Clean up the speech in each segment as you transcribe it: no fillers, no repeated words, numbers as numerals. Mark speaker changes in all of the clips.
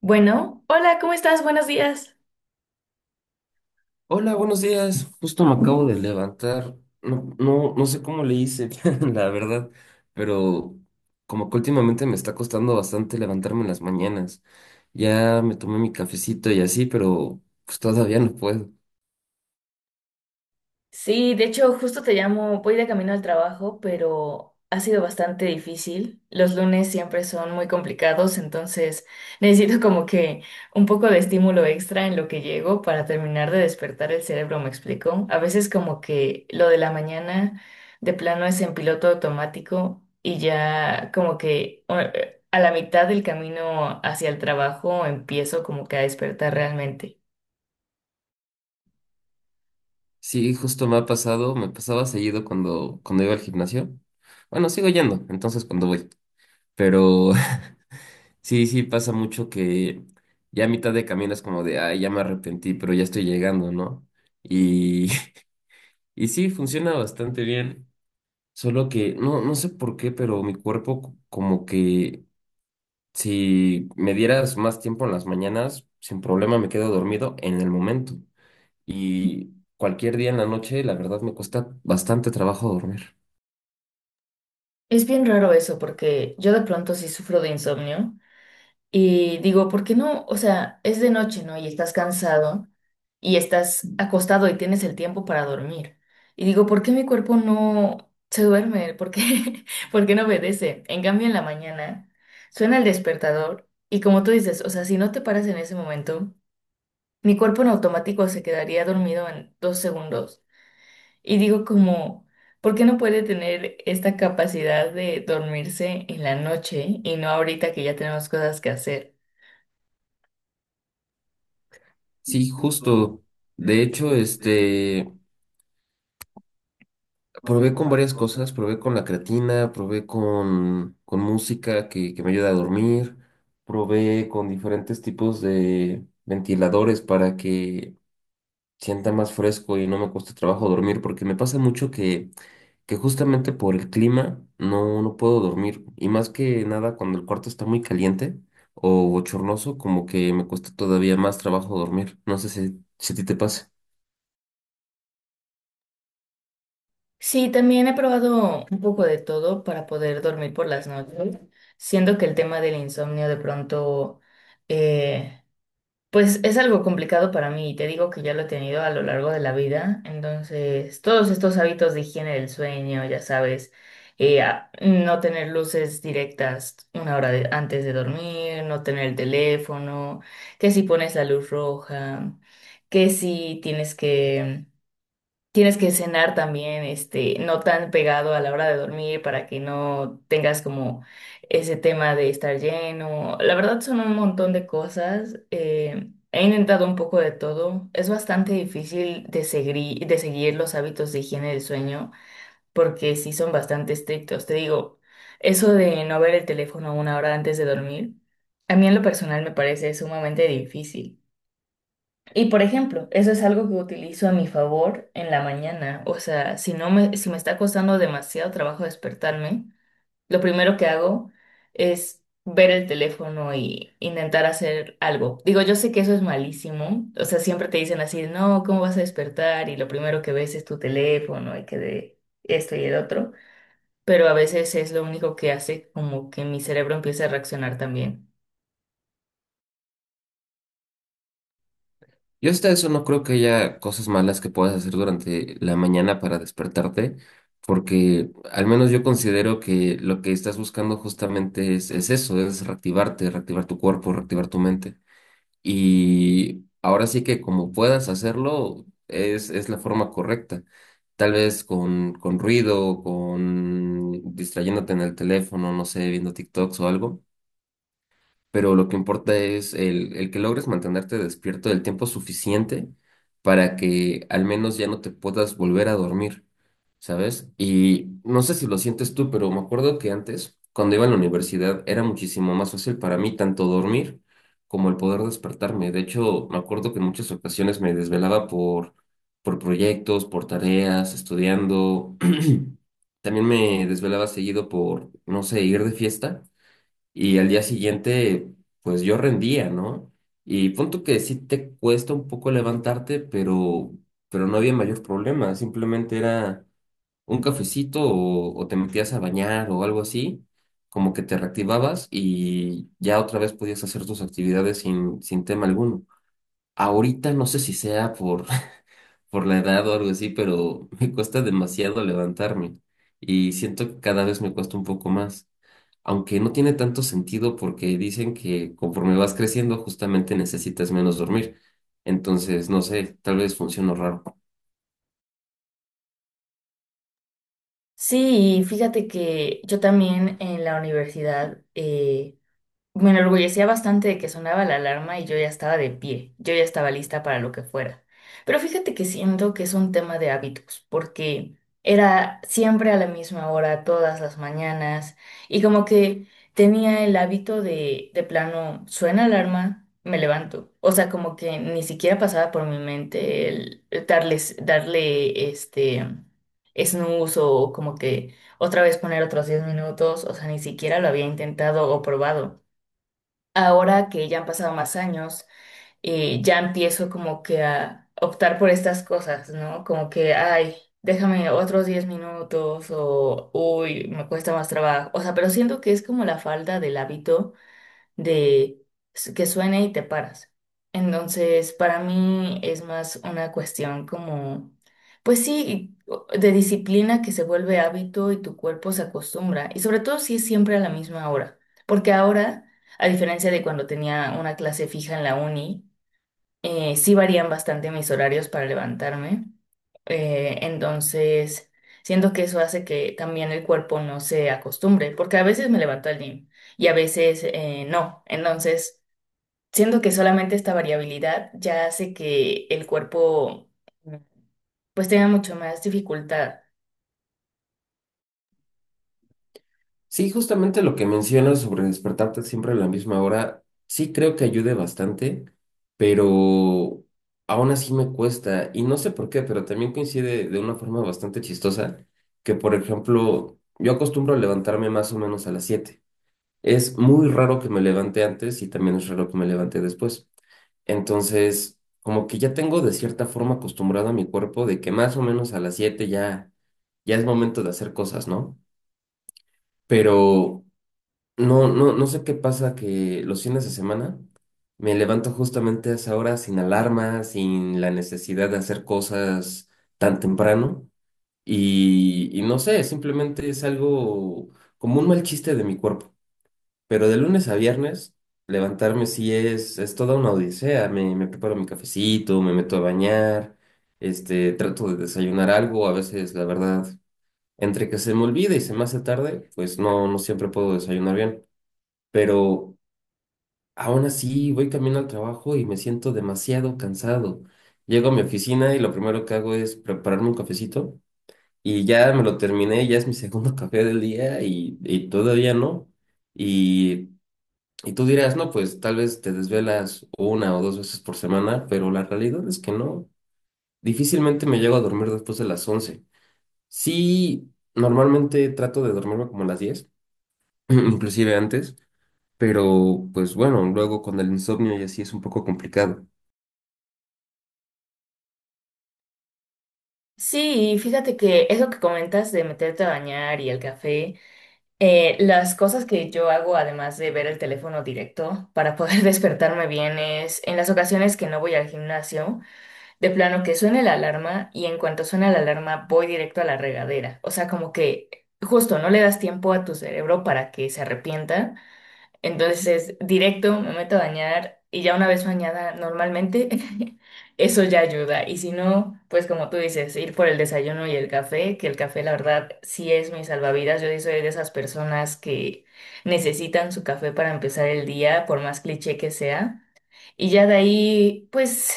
Speaker 1: Bueno, hola, ¿cómo estás? Buenos días.
Speaker 2: Hola, buenos días. Justo me acabo de levantar. No, no, no sé cómo le hice, la verdad, pero como que últimamente me está costando bastante levantarme en las mañanas. Ya me tomé mi cafecito y así, pero pues todavía no puedo.
Speaker 1: Sí, de hecho, justo te llamo, voy de camino al trabajo, pero ha sido bastante difícil. Los lunes siempre son muy complicados, entonces necesito como que un poco de estímulo extra en lo que llego para terminar de despertar el cerebro, ¿me explico? A veces como que lo de la mañana de plano es en piloto automático y ya como que a la mitad del camino hacia el trabajo empiezo como que a despertar realmente.
Speaker 2: Sí, justo me ha pasado, me pasaba seguido cuando iba al gimnasio. Bueno, sigo yendo, entonces cuando voy. Pero sí, sí pasa mucho que ya a mitad de camino es como de, ay, ya me arrepentí, pero ya estoy llegando, ¿no? Y Y sí, funciona bastante bien, solo que no, no sé por qué, pero mi cuerpo como que si me dieras más tiempo en las mañanas, sin problema me quedo dormido en el momento. Y cualquier día en la noche, la verdad me cuesta bastante trabajo dormir.
Speaker 1: Es bien raro eso, porque yo de pronto sí sufro de insomnio y digo, ¿por qué no? O sea, es de noche, ¿no? Y estás cansado y estás acostado y tienes el tiempo para dormir. Y digo, ¿por qué mi cuerpo no se duerme? ¿Por qué, por qué no obedece? En cambio, en la mañana suena el despertador y como tú dices, o sea, si no te paras en ese momento, mi cuerpo en automático se quedaría dormido en 2 segundos. Y digo como, ¿por qué no puede tener esta capacidad de dormirse en la noche y no ahorita que ya tenemos cosas que hacer?
Speaker 2: Sí, justo. De hecho, este, probé con varias cosas, probé con la creatina, probé con música que me ayuda a dormir, probé con diferentes tipos de ventiladores para que sienta más fresco y no me cueste trabajo dormir, porque me pasa mucho que justamente por el clima no, no puedo dormir. Y más que nada cuando el cuarto está muy caliente o bochornoso, como que me cuesta todavía más trabajo dormir. No sé si a ti te pasa.
Speaker 1: Sí, también he probado un poco de todo para poder dormir por las noches, siendo que el tema del insomnio de pronto eh, Pues es algo complicado para mí y te digo que ya lo he tenido a lo largo de la vida. Entonces, todos estos hábitos de higiene del sueño, ya sabes, no tener luces directas una hora antes de dormir, no tener el teléfono, que si pones la luz roja, que si tienes que Tienes que cenar también, este, no tan pegado a la hora de dormir para que no tengas como ese tema de estar lleno. La verdad son un montón de cosas. He intentado un poco de todo. Es bastante difícil de seguir los hábitos de higiene del sueño porque sí son bastante estrictos. Te digo, eso de no ver el teléfono una hora antes de dormir, a mí en lo personal me parece sumamente difícil. Y por ejemplo, eso es algo que utilizo a mi favor en la mañana. O sea, si me está costando demasiado trabajo despertarme, lo primero que hago es ver el teléfono y intentar hacer algo. Digo, yo sé que eso es malísimo. O sea, siempre te dicen así, no, ¿cómo vas a despertar? Y lo primero que ves es tu teléfono y que de esto y el otro. Pero a veces es lo único que hace como que mi cerebro empiece a reaccionar también.
Speaker 2: Yo hasta eso no creo que haya cosas malas que puedas hacer durante la mañana para despertarte, porque al menos yo considero que lo que estás buscando justamente es eso, es reactivarte, reactivar tu cuerpo, reactivar tu mente. Y ahora sí que como puedas hacerlo, es la forma correcta. Tal vez con ruido, con distrayéndote en el teléfono, no sé, viendo TikToks o algo, pero lo que importa es el que logres mantenerte despierto el tiempo suficiente para que al menos ya no te puedas volver a dormir, ¿sabes? Y no sé si lo sientes tú, pero me acuerdo que antes, cuando iba a la universidad, era muchísimo más fácil para mí tanto dormir como el poder despertarme. De hecho, me acuerdo que en muchas ocasiones me desvelaba por proyectos, por tareas, estudiando. También me desvelaba seguido por, no sé, ir de fiesta y al día siguiente, pues yo rendía, ¿no? Y punto que sí te cuesta un poco levantarte, pero no había mayor problema, simplemente era un cafecito o te metías a bañar o algo así, como que te reactivabas y ya otra vez podías hacer tus actividades sin tema alguno. Ahorita no sé si sea por la edad o algo así, pero me cuesta demasiado levantarme y siento que cada vez me cuesta un poco más, aunque no tiene tanto sentido porque dicen que conforme vas creciendo justamente necesitas menos dormir. Entonces, no sé, tal vez funciono raro.
Speaker 1: Sí, y fíjate que yo también en la universidad me enorgullecía bastante de que sonaba la alarma y yo ya estaba de pie, yo ya estaba lista para lo que fuera. Pero fíjate que siento que es un tema de hábitos, porque era siempre a la misma hora, todas las mañanas, y como que tenía el hábito de plano, suena alarma, me levanto. O sea, como que ni siquiera pasaba por mi mente el darle este snooze o como que otra vez poner otros 10 minutos, o sea, ni siquiera lo había intentado o probado ahora que ya han pasado más años, ya empiezo como que a optar por estas cosas, ¿no? Como que, ay, déjame otros 10 minutos o, uy, me cuesta más trabajo. O sea, pero siento que es como la falta del hábito de que suene y te paras. Entonces, para mí es más una cuestión como, pues sí, de disciplina que se vuelve hábito y tu cuerpo se acostumbra. Y sobre todo si es siempre a la misma hora. Porque ahora, a diferencia de cuando tenía una clase fija en la uni, sí varían bastante mis horarios para levantarme. Entonces, siento que eso hace que también el cuerpo no se acostumbre, porque a veces me levanto al gym y a veces no. Entonces, siento que solamente esta variabilidad ya hace que el cuerpo mm, pues tenga mucho más dificultad.
Speaker 2: Sí, justamente lo que mencionas sobre despertarte siempre a la misma hora, sí creo que ayude bastante, pero aún así me cuesta. Y no sé por qué, pero también coincide de una forma bastante chistosa, que por ejemplo, yo acostumbro a levantarme más o menos a las 7. Es muy raro que me levante antes y también es raro que me levante después. Entonces, como que ya tengo de cierta forma acostumbrado a mi cuerpo de que más o menos a las 7 ya, ya es momento de hacer cosas, ¿no? Pero no, no, no sé qué pasa que los fines de semana me levanto justamente a esa hora sin alarma, sin la necesidad de hacer cosas tan temprano y no sé, simplemente es algo como un mal chiste de mi cuerpo. Pero de lunes a viernes levantarme sí es toda una odisea. Me preparo mi cafecito, me meto a bañar, este, trato de desayunar algo, a veces la verdad, entre que se me olvida y se me hace tarde, pues no, no siempre puedo desayunar bien. Pero aún así, voy camino al trabajo y me siento demasiado cansado. Llego a mi oficina y lo primero que hago es prepararme un cafecito y ya me lo terminé, ya es mi segundo café del día y todavía no. Y, y tú dirás, no, pues tal vez te desvelas una o dos veces por semana, pero la realidad es que no. Difícilmente me llego a dormir después de las 11. Sí, normalmente trato de dormirme como a las 10 inclusive antes. Pero, pues bueno, luego con el insomnio y así es un poco complicado.
Speaker 1: Sí, y fíjate que eso que comentas de meterte a bañar y el café. Las cosas que yo hago, además de ver el teléfono directo para poder despertarme bien, es en las ocasiones que no voy al gimnasio, de plano que suene la alarma y en cuanto suena la alarma voy directo a la regadera. O sea, como que justo no le das tiempo a tu cerebro para que se arrepienta entonces, directo me meto a bañar y ya una vez bañada normalmente, eso ya ayuda. Y si no, pues como tú dices, ir por el desayuno y el café, que el café la verdad sí es mi salvavidas. Yo sí soy de esas personas que necesitan su café para empezar el día, por más cliché que sea. Y ya de ahí, pues,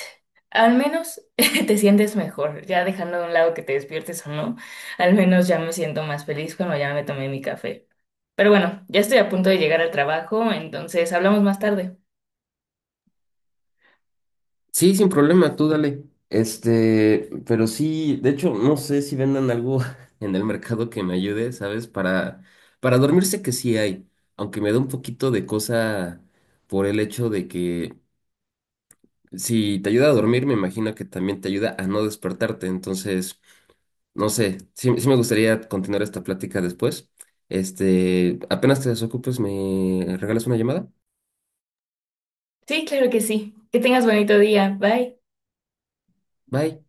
Speaker 1: al menos te sientes mejor, ya dejando de un lado que te despiertes o no, al menos ya me siento más feliz cuando ya me tomé mi café. Pero bueno, ya estoy a punto de llegar al trabajo, entonces hablamos más tarde.
Speaker 2: Sí, sin problema, tú dale. Este, pero sí, de hecho, no sé si vendan algo en el mercado que me ayude, ¿sabes? Para dormir sé que sí hay, aunque me da un poquito de cosa por el hecho de que si te ayuda a dormir, me imagino que también te ayuda a no despertarte. Entonces, no sé, sí, sí me gustaría continuar esta plática después. Este, apenas te desocupes, me regalas una llamada.
Speaker 1: Sí, claro que sí. Que tengas bonito día. Bye.
Speaker 2: Bye.